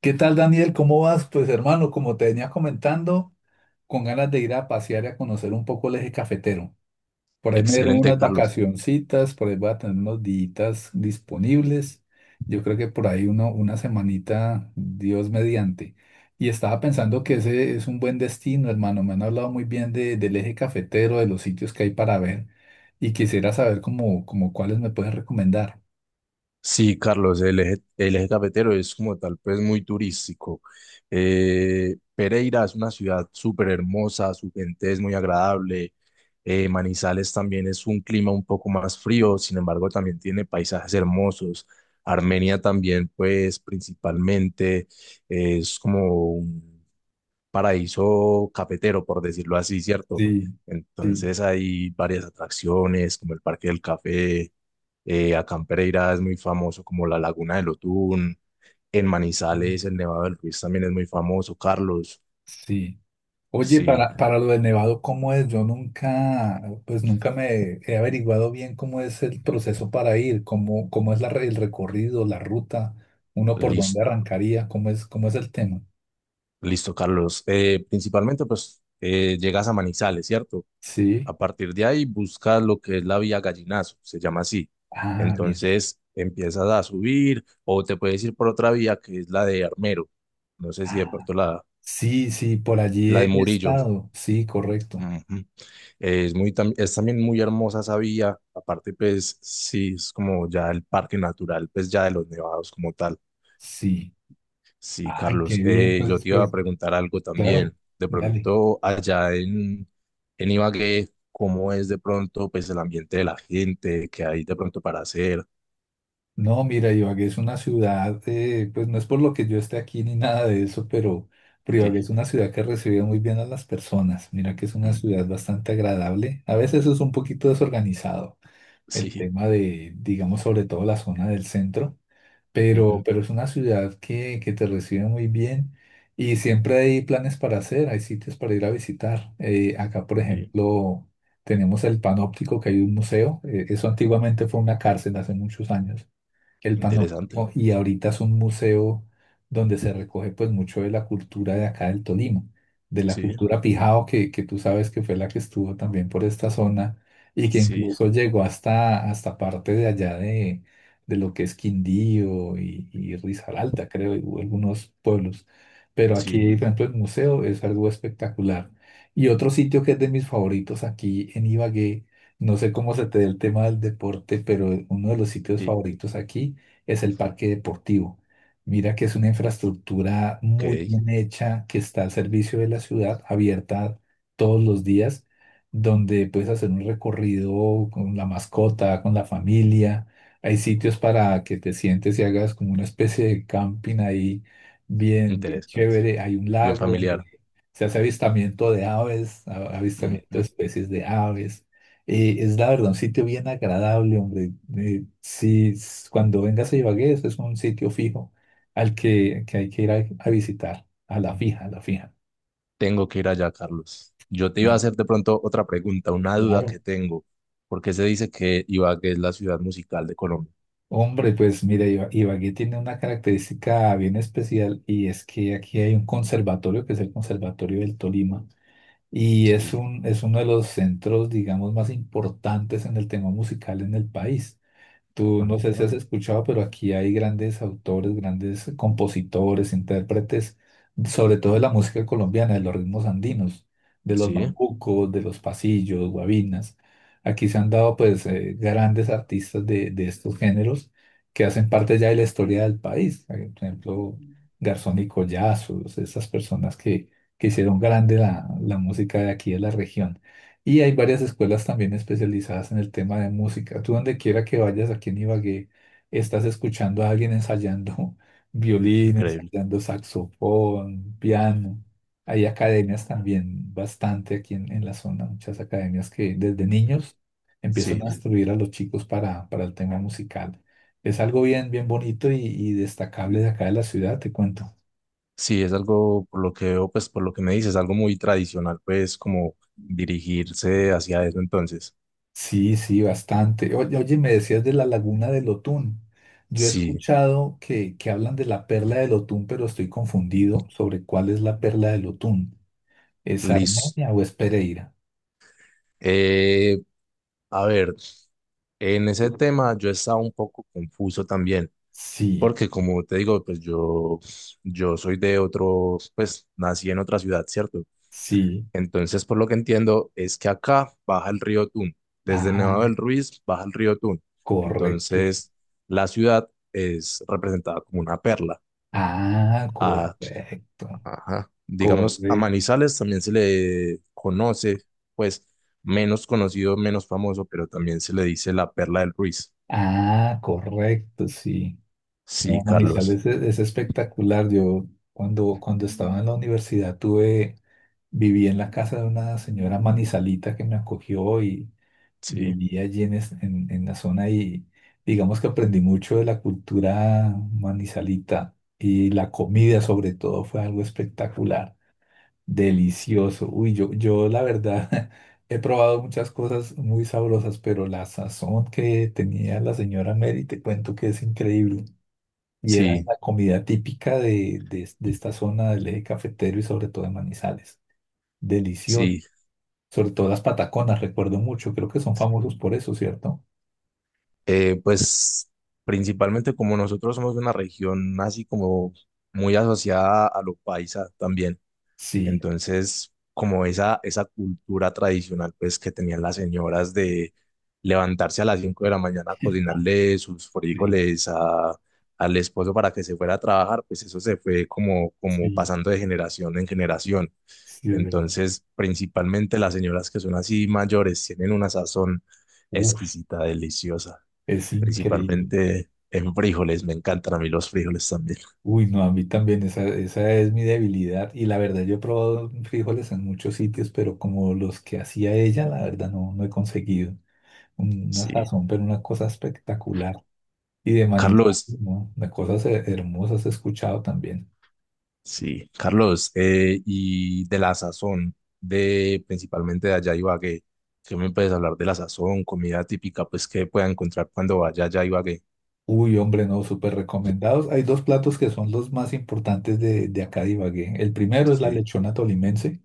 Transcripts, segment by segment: ¿Qué tal, Daniel? ¿Cómo vas? Pues hermano, como te venía comentando, con ganas de ir a pasear y a conocer un poco el eje cafetero. Por ahí me dieron Excelente, unas Carlos. vacacioncitas, por ahí voy a tener unos días disponibles. Yo creo que por ahí uno, una semanita, Dios mediante. Y estaba pensando que ese es un buen destino, hermano. Me han hablado muy bien del eje cafetero, de los sitios que hay para ver. Y quisiera saber como cuáles me puedes recomendar. Sí, Carlos, el eje cafetero es como tal, pues muy turístico. Pereira es una ciudad súper hermosa, su gente es muy agradable. Manizales también es un clima un poco más frío, sin embargo, también tiene paisajes hermosos. Armenia también, pues principalmente es como un paraíso cafetero, por decirlo así, ¿cierto? Sí, sí, Entonces hay varias atracciones, como el Parque del Café. Acá en Pereira es muy famoso como la Laguna del Otún. En Manizales, el Nevado del Ruiz también es muy famoso. Carlos, sí. Oye, sí, para lo de Nevado, ¿cómo es? Yo nunca, pues nunca me he averiguado bien cómo es el proceso para ir, cómo es el recorrido, la ruta, uno por dónde listo, arrancaría, cómo es el tema. listo, Carlos. Principalmente, pues, llegas a Manizales, ¿cierto? Sí. A partir de ahí buscas lo que es la vía Gallinazo, se llama así. Ah, bien. Entonces empiezas a subir o te puedes ir por otra vía que es la de Armero. No sé si de Ah, pronto la, sí, sí, por allí la de he Murillo. estado. Sí, correcto. Ujú. Es también muy hermosa esa vía, aparte pues sí, es como ya el parque natural, pues ya de los nevados como tal. Sí. Sí, Ay, qué Carlos, bien. Yo te iba a preguntar algo Claro, también, de dale. pronto allá en Ibagué, ¿cómo es de pronto pues el ambiente de la gente, qué hay de pronto para hacer? No, mira, Ibagué es una ciudad, pues no es por lo que yo esté aquí ni nada de eso, pero Sí, Ibagué es una ciudad que recibe muy bien a las personas. Mira que es una ujú, ciudad bastante agradable. A veces es un poquito desorganizado el sí, tema de, digamos, sobre todo la zona del centro, ujú, pero es una ciudad que te recibe muy bien y siempre hay planes para hacer, hay sitios para ir a visitar. Acá, por sí, ejemplo, tenemos el Panóptico, que hay un museo. Eso antiguamente fue una cárcel hace muchos años, el interesante, Panóptico, y ahorita es un museo donde se recoge pues mucho de la cultura de acá del Tolima, de la sí, cultura Pijao que tú sabes que fue la que estuvo también por esta zona y que sí, incluso llegó hasta parte de allá de lo que es Quindío y Risaralda, creo, y hubo algunos pueblos. Pero sí, aquí, por ejemplo, el museo es algo espectacular. Y otro sitio que es de mis favoritos aquí en Ibagué, no sé cómo se te dé el tema del deporte, pero uno de los sitios sí, favoritos aquí es el parque deportivo. Mira que es una infraestructura ok, muy bien hecha que está al servicio de la ciudad, abierta todos los días, donde puedes hacer un recorrido con la mascota, con la familia. Hay sitios para que te sientes y hagas como una especie de camping ahí, bien, bien interesante, chévere. Hay un bien lago donde familiar. se hace avistamiento de aves, avistamiento de especies de aves. Es la verdad, un sitio bien agradable, hombre. Si s- Cuando vengas a Ibagué, eso es un sitio fijo al que hay que ir a visitar, a la fija, a la fija. Tengo que ir allá, Carlos. Yo te iba a Claro, hacer de pronto otra pregunta, una duda que claro. tengo. ¿Por qué se dice que Ibagué es la ciudad musical de Colombia? Hombre, pues mira, Ibagué tiene una característica bien especial y es que aquí hay un conservatorio que es el Conservatorio del Tolima y Sí. Es uno de los centros, digamos, más importantes en el tema musical en el país. Tú no sé si has Ah, escuchado, pero aquí hay grandes autores, grandes compositores, intérpretes, sobre todo de la música colombiana, de los ritmos andinos, de los sí, bambucos, de los pasillos, guabinas. Aquí se han dado pues grandes artistas de estos géneros que hacen parte ya de la historia del país. Por ejemplo, Garzón y Collazos, esas personas que hicieron grande la música de aquí de la región. Y hay varias escuelas también especializadas en el tema de música. Tú donde quiera que vayas aquí en Ibagué, estás escuchando a alguien ensayando violín, increíble. ensayando saxofón, piano. Hay academias también, bastante aquí en la zona, muchas academias que desde niños empiezan a Sí, instruir a los chicos para el tema musical. Es algo bien, bien bonito y destacable de acá de la ciudad, te cuento. sí, es algo, por lo que veo, pues por lo que me dices, algo muy tradicional, pues como dirigirse hacia eso entonces. Sí, sí, bastante. Oye, oye, me decías de la laguna del Otún. Yo he Sí, escuchado que habla del Otún, pero estoy confundido sobre cuál es la perla del Otún. ¿Es listo. Armenia o es Pereira? Eh, a ver, en ese tema yo estaba un poco confuso también. Sí, Porque como te digo, pues yo soy de otro, pues nací en otra ciudad, ¿cierto? sí. Entonces, por lo que entiendo, es que acá baja el río Tun. Desde el Nevado Ah, del Ruiz baja el río Tun. correcto. Entonces, la ciudad es representada como una perla. Ah, A, correcto. ajá. Digamos, a Correcto. Manizales también se le conoce, pues menos conocido, menos famoso, pero también se le dice la perla del Ruiz. Ah, correcto, sí. Sí, No, Carlos. Manizales es espectacular. Yo cuando estaba en la universidad tuve. Viví en la casa de una señora manizalita que me acogió y Sí. viví allí en la zona y digamos que aprendí mucho de la cultura manizalita y la comida sobre todo fue algo espectacular, delicioso. Uy, yo la verdad he probado muchas cosas muy sabrosas, pero la sazón que tenía la señora Mary, te cuento que es increíble. Y era Sí, la comida típica de de esta zona del eje cafetero y sobre todo de Manizales. Delicioso. sí. Sobre todo las pataconas, recuerdo mucho. Creo que son famosos por eso, ¿cierto? Pues principalmente como nosotros somos de una región así como muy asociada a lo paisa también, Sí, entonces como esa cultura tradicional pues que tenían las señoras de levantarse a las 5 de la mañana a cocinarle sus sí, frijoles al esposo para que se fuera a trabajar, pues eso se fue como sí, pasando de generación en generación. sí, es verdad. Entonces, principalmente las señoras que son así mayores tienen una sazón Uf, exquisita, deliciosa. es increíble. Principalmente en frijoles, me encantan a mí los frijoles también. Uy, no, a mí también esa es mi debilidad. Y la verdad, yo he probado frijoles en muchos sitios, pero como los que hacía ella, la verdad no, no he conseguido. Una Sí, sazón, pero una cosa espectacular. Y de manita, Carlos, ¿no? De cosas hermosas he escuchado también. sí, Carlos, y de la sazón, de principalmente de allá Ibagué, ¿qué me puedes hablar de la sazón, comida típica, pues que pueda encontrar cuando vaya allá Ibagué? Uy, hombre, no, súper recomendados. Hay dos platos que son los más importantes de acá de Ibagué. El primero es la Sí, lechona tolimense,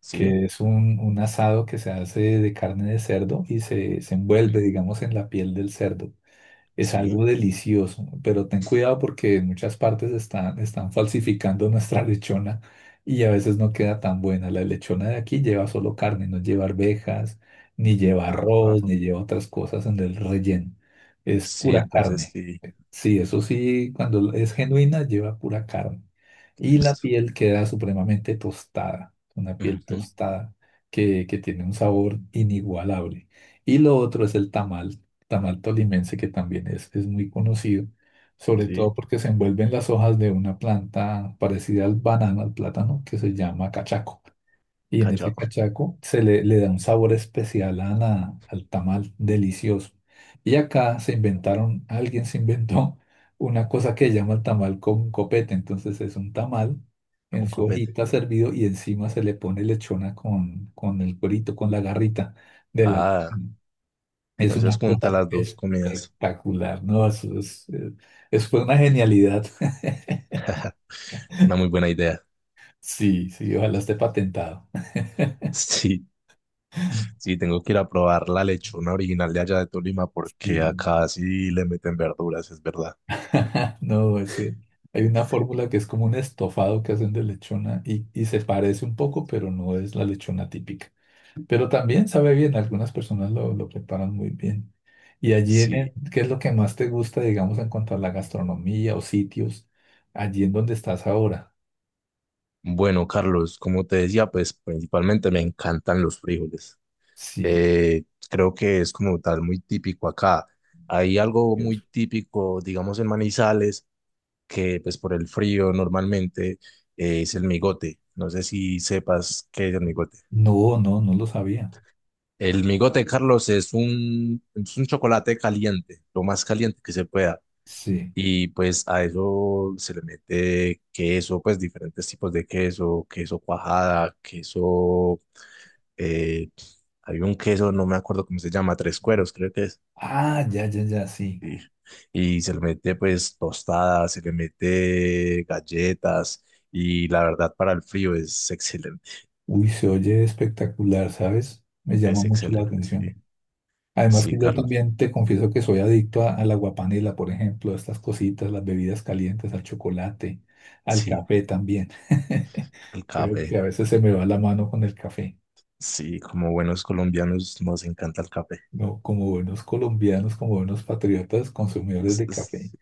sí, que es un asado que se hace de carne de cerdo y se envuelve, digamos, en la piel del cerdo. Es sí, algo delicioso, pero ten cuidado porque en muchas partes están falsificando nuestra lechona y a veces no queda tan buena. La lechona de aquí lleva solo carne, no lleva arvejas, ni lleva ah, arroz, ni lleva otras cosas en el relleno. Es sí, pura entonces carne. sí, Sí, eso sí, cuando es genuina lleva pura carne y la listo. piel queda supremamente tostada, una piel Ujú, tostada que tiene un sabor inigualable. Y lo otro es el tamal, tamal tolimense que también es muy conocido, sobre todo sí, porque se envuelven las hojas de una planta parecida al banano, al plátano, que se llama cachaco. Y en ese cachaco. cachaco se le da un sabor especial a al tamal delicioso. Y acá se inventaron, alguien se inventó una cosa que llama tamal con copete. Entonces es un tamal en Un su copete. hojita servido y encima se le pone lechona con el cuerito, con la garrita de la Ah, lechona. Es una entonces junta cosa las dos comidas. espectacular, ¿no? Eso es, eso fue una genialidad. Una muy buena idea. Sí, sí, ojalá esté patentado. Sí, sí, tengo que ir a probar la lechona original de allá de Tolima porque Sí. acá sí le meten verduras, es verdad. No, ese- hay una fórmula que es como un estofado que hacen de lechona y se parece un poco, pero no es la lechona típica. Pero también sabe bien, algunas personas lo preparan muy bien. Y allí, en el- Sí. ¿qué es lo que más te gusta, digamos, en cuanto a la gastronomía o sitios, allí en donde estás ahora? Bueno, Carlos, como te decía, pues principalmente me encantan los frijoles. Sí, Eh, Creo que es como tal muy típico acá. Hay algo muy Dios. típico, digamos, en Manizales, que pues por el frío normalmente, es el migote. No sé si sepas qué es el migote. No, no, no lo sabía. El migote, Carlos, es un chocolate caliente, lo más caliente que se pueda. Sí. Y pues a eso se le mete queso, pues diferentes tipos de queso, queso cuajada, queso, eh, hay un queso, no me acuerdo cómo se llama, tres cueros, creo que es. Ah, ya, ya, ya, sí. Sí. Y se le mete pues tostadas, se le mete galletas y la verdad para el frío Uy, se oye espectacular, ¿sabes? Me llama es mucho la excelente, sí. atención. Además Sí, que yo Carlos, también te confieso que soy adicto a la guapanela, por ejemplo, a estas cositas, las bebidas calientes, al chocolate, al sí, café también. el Creo café. que a veces se me va la mano con el café. Sí, como buenos colombianos nos encanta el café. No, como buenos colombianos, como buenos patriotas, consumidores Es- de es- café.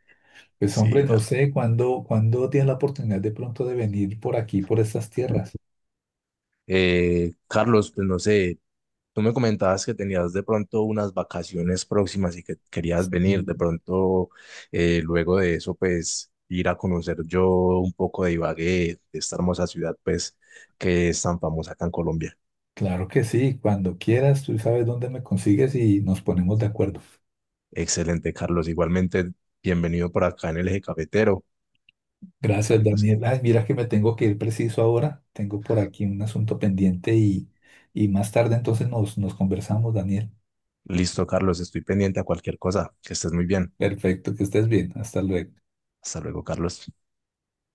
Pues hombre, Sí, no Carlos. sé cuándo tienes la oportunidad de pronto de venir por aquí, por estas tierras. Carlos, pues no sé, tú me comentabas que tenías de pronto unas vacaciones próximas y que querías venir. De Y pronto, luego de eso, pues ir a conocer yo un poco de Ibagué, de esta hermosa ciudad, pues que es tan famosa acá en Colombia. claro que sí, cuando quieras, tú sabes dónde me consigues y nos ponemos de acuerdo. Excelente, Carlos. Igualmente, bienvenido por acá en el eje cafetero. Gracias, Ay, no sé. Daniel. Ay, mira que me tengo que ir preciso ahora. Tengo por aquí un asunto pendiente y más tarde entonces nos conversamos, Daniel. Listo, Carlos, estoy pendiente a cualquier cosa. Que estés muy bien. Perfecto, que estés bien. Hasta luego. Hasta luego, Carlos.